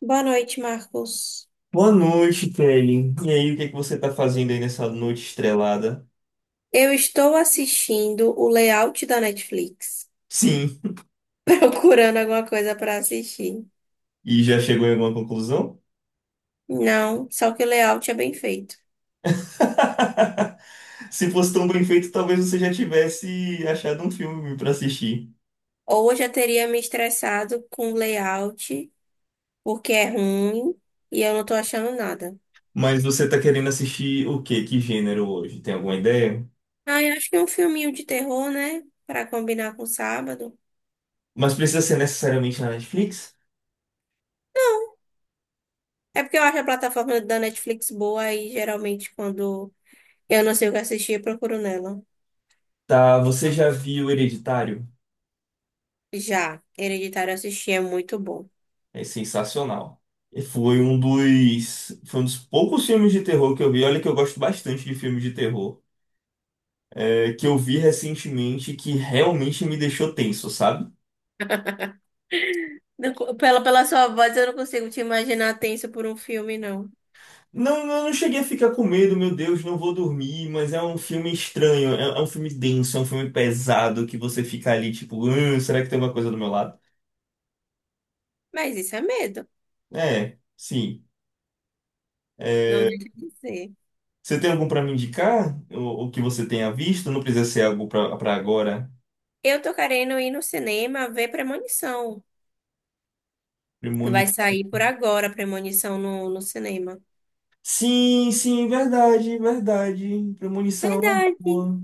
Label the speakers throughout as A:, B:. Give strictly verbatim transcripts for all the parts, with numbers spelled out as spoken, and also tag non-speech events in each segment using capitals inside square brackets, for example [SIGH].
A: Boa noite, Marcos.
B: Boa noite, Kelly. E aí, o que é que você tá fazendo aí nessa noite estrelada?
A: Eu estou assistindo o layout da Netflix,
B: Sim.
A: [LAUGHS] procurando alguma coisa para assistir.
B: E já chegou em alguma conclusão?
A: Não, só que o layout é bem feito.
B: [LAUGHS] Se fosse tão bem feito, talvez você já tivesse achado um filme pra assistir.
A: Ou eu já teria me estressado com o layout, porque é ruim e eu não tô achando nada.
B: Mas você tá querendo assistir o quê? Que gênero hoje? Tem alguma ideia?
A: Ah, eu acho que é um filminho de terror, né? Para combinar com sábado.
B: Mas precisa ser necessariamente na Netflix?
A: É porque eu acho a plataforma da Netflix boa e geralmente quando eu não sei o que assistir, eu procuro nela.
B: Tá, você já viu Hereditário?
A: Já, Hereditário assistir é muito bom.
B: É sensacional. E Foi um dos, foi um dos poucos filmes de terror que eu vi. Olha que eu gosto bastante de filmes de terror. É, que eu vi recentemente que realmente me deixou tenso, sabe?
A: Não, co- Pela, pela sua voz, eu não consigo te imaginar tenso por um filme, não.
B: Não, eu não cheguei a ficar com medo, meu Deus, não vou dormir, mas é um filme estranho, é, é um filme denso, é um filme pesado que você fica ali tipo, "Hum, será que tem uma coisa do meu lado?
A: Mas isso é medo,
B: É, sim.
A: não deixa de ser.
B: Você tem algum pra me indicar? O, o que você tenha visto? Não precisa ser algo pra pra agora.
A: Eu tô querendo ir no cinema ver Premonição. Vai
B: Premonição.
A: sair por agora Premonição no, no cinema.
B: Sim, sim, verdade, verdade. Premonição é uma
A: Verdade.
B: boa.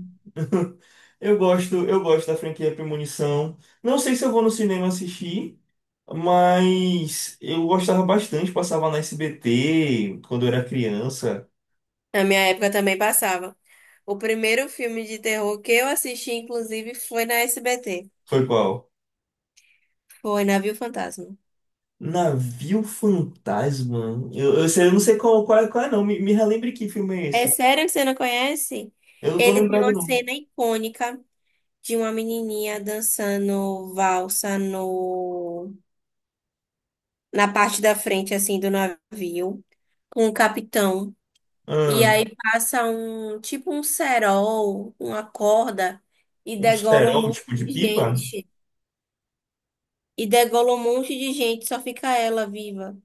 B: Eu gosto, eu gosto da franquia Premonição. Não sei se eu vou no cinema assistir, mas eu gostava bastante, passava na S B T quando eu era criança.
A: Na minha época também passava. O primeiro filme de terror que eu assisti, inclusive, foi na S B T.
B: Foi qual?
A: Foi Navio Fantasma.
B: Navio Fantasma. Eu, eu sei- eu não sei qual, qual, é, qual é não. Me, me relembre que filme é
A: É
B: esse.
A: sério que você não conhece?
B: Eu não tô
A: Ele tem
B: lembrado
A: uma
B: não.
A: cena icônica de uma menininha dançando valsa no na parte da frente, assim, do navio, com o capitão. E
B: Ah,
A: aí passa um, tipo um cerol, uma corda, e
B: um
A: degola um
B: cerol
A: monte
B: tipo de
A: de
B: pipa?
A: gente. E degola um monte de gente, só fica ela viva.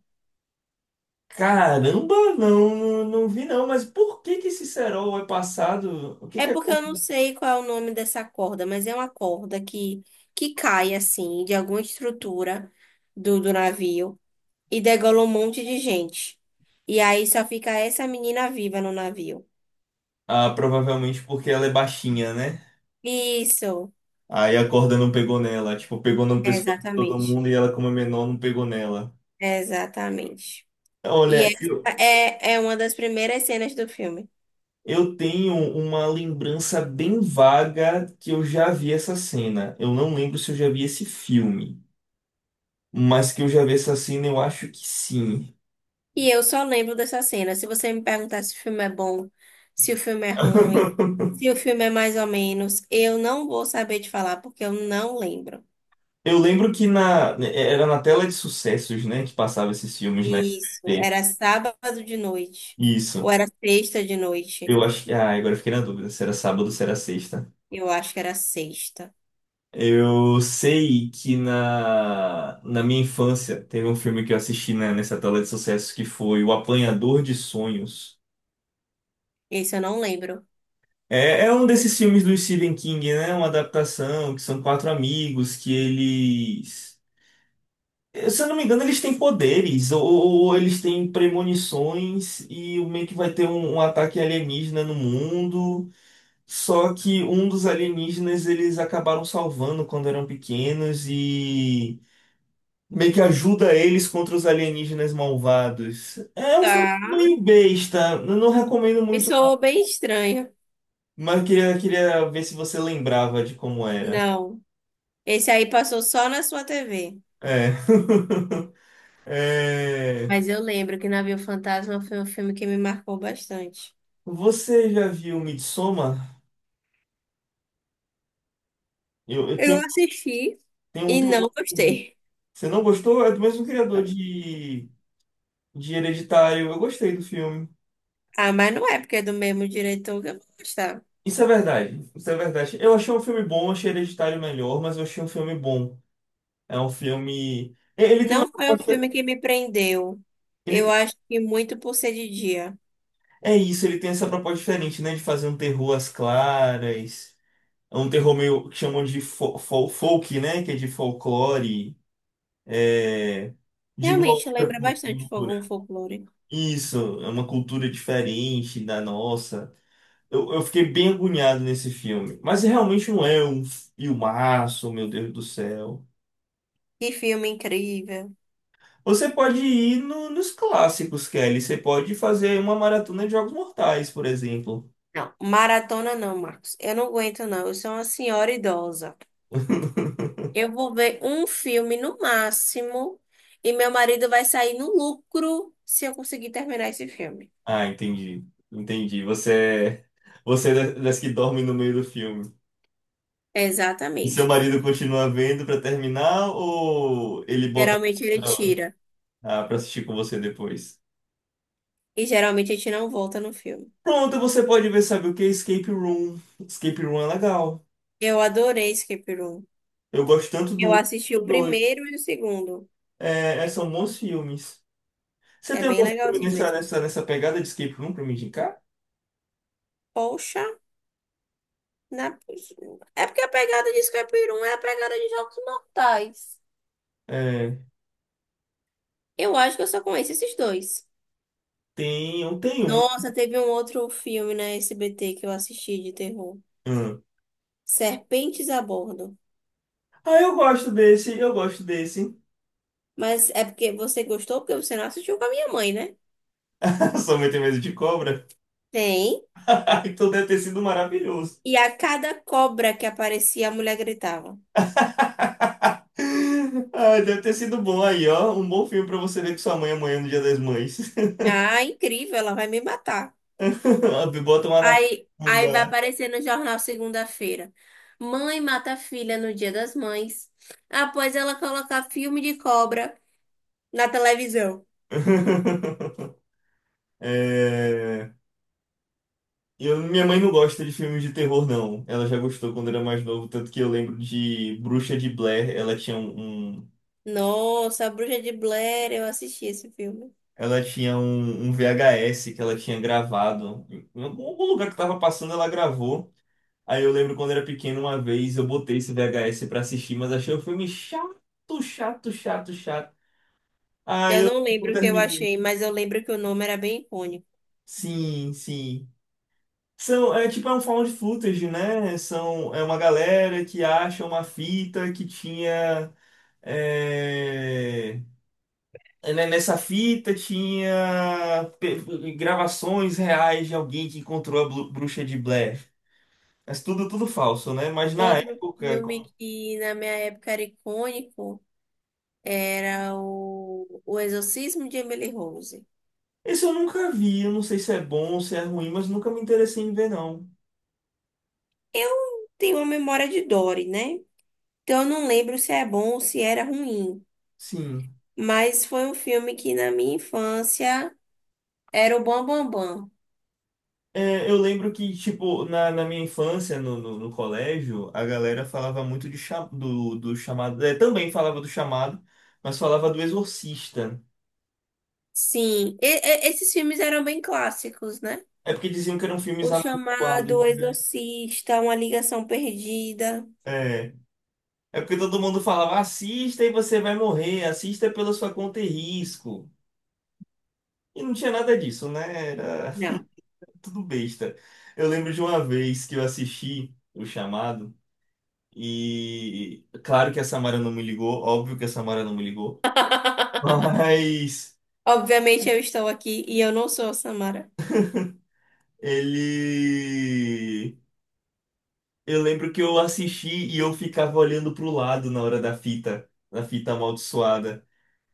B: Caramba, não, não, não vi não. Mas por que que esse cerol é passado? O que
A: É
B: que é?
A: porque eu não sei qual é o nome dessa corda, mas é uma corda que, que cai, assim, de alguma estrutura do, do navio, e degola um monte de gente. E aí só fica essa menina viva no navio.
B: Ah, provavelmente porque ela é baixinha, né?
A: Isso,
B: Aí a corda não pegou nela, tipo, pegou no
A: é,
B: pescoço de todo
A: exatamente.
B: mundo e ela, como é menor, não pegou nela.
A: Exatamente. E
B: Olha,
A: essa
B: eu,
A: é, é uma das primeiras cenas do filme.
B: eu tenho uma lembrança bem vaga que eu já vi essa cena. Eu não lembro se eu já vi esse filme, mas que eu já vi essa cena, eu acho que sim.
A: E eu só lembro dessa cena. Se você me perguntar se o filme é bom, se o filme é ruim,
B: [LAUGHS]
A: se o filme é mais ou menos, eu não vou saber te falar, porque eu não lembro.
B: Eu lembro que na, era na tela de sucessos, né, que passava esses filmes na
A: Isso,
B: S B T.
A: era sábado de noite. Ou
B: Isso.
A: era sexta de noite.
B: Eu acho que. Ah, agora eu fiquei na dúvida se era sábado ou se era sexta.
A: Eu acho que era sexta.
B: Eu sei que na, na minha infância teve um filme que eu assisti na- nessa tela de sucessos que foi O Apanhador de Sonhos.
A: Esse eu não lembro.
B: É, é um desses filmes do Stephen King, né? Uma adaptação que são quatro amigos que eles. eh, Se eu não me engano, eles têm poderes ou, ou eles têm premonições e o meio que vai ter um, um ataque alienígena no mundo. Só que um dos alienígenas eles acabaram salvando quando eram pequenos e. Meio que ajuda eles contra os alienígenas malvados. É um filme
A: Tá.
B: meio besta. Eu não recomendo
A: E
B: muito, não.
A: soou bem estranho.
B: Mas eu queria, queria ver se você lembrava de como era.
A: Não. Esse aí passou só na sua T V.
B: É. [LAUGHS] É.
A: Mas eu lembro que Navio Fantasma foi um filme que me marcou bastante.
B: Você já viu Midsommar? Eu, eu
A: Eu
B: tenho,
A: assisti
B: tenho,
A: e não
B: tenho...
A: gostei.
B: Você não gostou? É do mesmo criador de, de Hereditário. Eu gostei do filme.
A: Ah, mas não é porque é do mesmo diretor que eu vou gostar.
B: Isso é verdade. Isso é verdade. Eu achei um filme bom, achei Hereditário melhor, mas eu achei um filme bom. É um filme. Ele tem uma
A: Não foi um
B: proposta.
A: filme que me prendeu. Eu
B: Ele
A: acho que muito por ser de dia.
B: É isso, ele tem essa proposta diferente, né? De fazer um terror às claras. É um terror meio que chamam de fo- fol- folk, né? Que é de folclore, é, de uma
A: Realmente
B: outra
A: lembra bastante Fogão
B: cultura.
A: Folclore.
B: Isso, é uma cultura diferente da nossa. Eu, eu fiquei bem agoniado nesse filme, mas realmente não é um filmaço, meu Deus do céu.
A: Que filme incrível.
B: Você pode ir no- nos clássicos, Kelly. Você pode fazer uma maratona de Jogos Mortais, por exemplo.
A: Não, maratona não, Marcos. Eu não aguento, não. Eu sou uma senhora idosa. Eu vou ver um filme no máximo e meu marido vai sair no lucro se eu conseguir terminar esse filme.
B: Ah, entendi. Entendi. Você é, você é da- das que dorme no meio do filme. E seu
A: Exatamente.
B: marido continua vendo pra terminar ou ele bota
A: Geralmente ele
B: outra,
A: tira
B: ah, pra assistir com você depois?
A: e geralmente a gente não volta no filme.
B: Pronto, você pode ver, sabe o que? Escape Room. Escape Room é legal.
A: Eu adorei Escape Room.
B: Eu gosto tanto do
A: Eu
B: um quanto
A: assisti o
B: do dois.
A: primeiro e o segundo.
B: É, é, são bons filmes. Você
A: É
B: tem
A: bem
B: algum filme
A: legalzinho
B: nessa,
A: mesmo.
B: nessa, nessa pegada de Escape Room pra me indicar?
A: Poxa, na... é porque a pegada de Escape Room é a pegada de Jogos Mortais.
B: É,
A: Eu acho que eu só conheço esses dois.
B: tem, eu tenho um.
A: Nossa, teve um outro filme na S B T que eu assisti de terror.
B: Hum.
A: Serpentes a bordo.
B: Ah, eu gosto desse, eu gosto desse.
A: Mas é porque você gostou, porque você não assistiu com a minha mãe, né?
B: [LAUGHS] Sua mãe tem medo de cobra?
A: Tem.
B: [LAUGHS] Ah, então deve ter sido maravilhoso.
A: E a cada cobra que aparecia, a mulher gritava:
B: [LAUGHS] Ai, deve ter sido bom aí, ó. Um bom filme pra você ver com sua mãe amanhã no Dia das Mães. [LAUGHS]
A: Ah, incrível, ela vai me matar.
B: Ah, bota uma na
A: Aí, aí vai
B: bunda.
A: aparecer no jornal segunda-feira: Mãe mata a filha no Dia das Mães, após ela colocar filme de cobra na televisão.
B: [LAUGHS] É, eu, minha mãe não gosta de filmes de terror, não. Ela já gostou quando era mais novo, tanto que eu lembro de Bruxa de Blair. Ela tinha um, um-
A: Nossa, a Bruxa de Blair, eu assisti esse filme.
B: ela tinha um, um V H S que ela tinha gravado. Em algum lugar que tava passando, ela gravou. Aí eu lembro quando era pequeno, uma vez eu botei esse V H S pra assistir, mas achei o filme chato, chato, chato, chato. Aí
A: Eu
B: eu
A: não
B: não
A: lembro o que eu
B: terminei.
A: achei, mas eu lembro que o nome era bem icônico.
B: Sim, sim. São, é tipo, é um found footage, né? São, é uma galera que acha uma fita que tinha. é, é, né, Nessa fita tinha pe- gravações reais de alguém que encontrou a blu- bruxa de Blair. Mas tudo, tudo falso, né? Mas na
A: Outro
B: época.
A: filme que na minha época era icônico era o, o Exorcismo de Emily Rose.
B: Esse eu nunca vi, eu não sei se é bom ou se é ruim, mas nunca me interessei em ver, não.
A: Eu tenho uma memória de Dory, né? Então eu não lembro se é bom ou se era ruim.
B: Sim.
A: Mas foi um filme que na minha infância era o Bam Bam Bam.
B: É, eu lembro que, tipo, na, na minha infância, no, no, no colégio, a galera falava muito de cha- do, do chamado. É, também falava do chamado, mas falava do Exorcista.
A: Sim, e- e- esses filmes eram bem clássicos, né?
B: É porque diziam que eram filmes
A: O chamado O
B: amaldiçoados, né?
A: Exorcista, Uma Ligação Perdida.
B: É. É porque todo mundo falava, assista e você vai morrer, assista pela sua conta e risco. E não tinha nada disso, né? Era
A: Não.
B: [LAUGHS] tudo besta. Eu lembro de uma vez que eu assisti o chamado. E claro que a Samara não me ligou, óbvio que a Samara não me ligou, [LAUGHS]
A: [LAUGHS]
B: mas
A: Obviamente eu estou aqui e eu não sou a Samara.
B: ele. Eu lembro que eu assisti e eu ficava olhando pro lado na hora da fita, da fita amaldiçoada.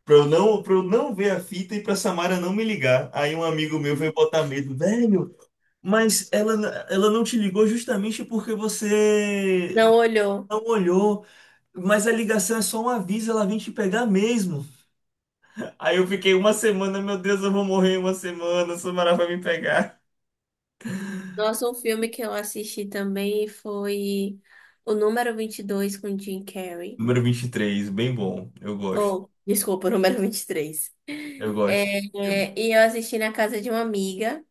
B: Pra eu não, pra eu não ver a fita e pra Samara não me ligar. Aí um amigo meu foi botar medo, velho, mas ela, n- ela não te ligou justamente porque você
A: Não olhou.
B: não olhou. Mas a ligação é só um aviso, ela vem te pegar mesmo. Aí eu fiquei uma semana, meu Deus, eu vou morrer em uma semana, o Samara vai me pegar.
A: Nossa, um filme que eu assisti também foi o número vinte e dois com Jim Carrey.
B: Número vinte e três, bem bom. Eu gosto.
A: Oh, desculpa, o número vinte e três.
B: Eu gosto.
A: É, e eu assisti na casa de uma amiga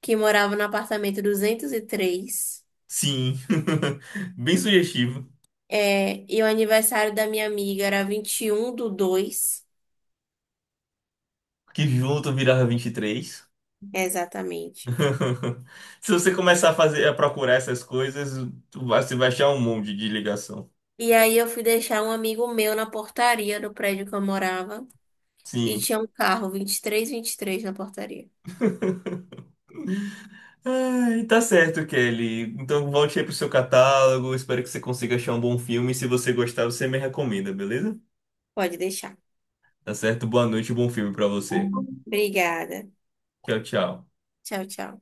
A: que morava no apartamento duzentos e três.
B: Sim. [LAUGHS] Bem sugestivo.
A: É, e o aniversário da minha amiga era vinte e um do dois,
B: Que junto virava vinte e três.
A: exatamente.
B: [LAUGHS] Se você começar a fazer, a procurar essas coisas, tu vai- você vai achar um monte de ligação.
A: E aí eu fui deixar um amigo meu na portaria do prédio que eu morava. E
B: Sim.
A: tinha um carro vinte vinte e e três vinte e três na portaria.
B: Ai, tá certo, Kelly. Então volte aí pro seu catálogo. Espero que você consiga achar um bom filme. Se você gostar, você me recomenda, beleza?
A: Pode deixar.
B: Tá certo? Boa noite, e bom filme pra você.
A: Obrigada.
B: Tchau, tchau.
A: Tchau, tchau.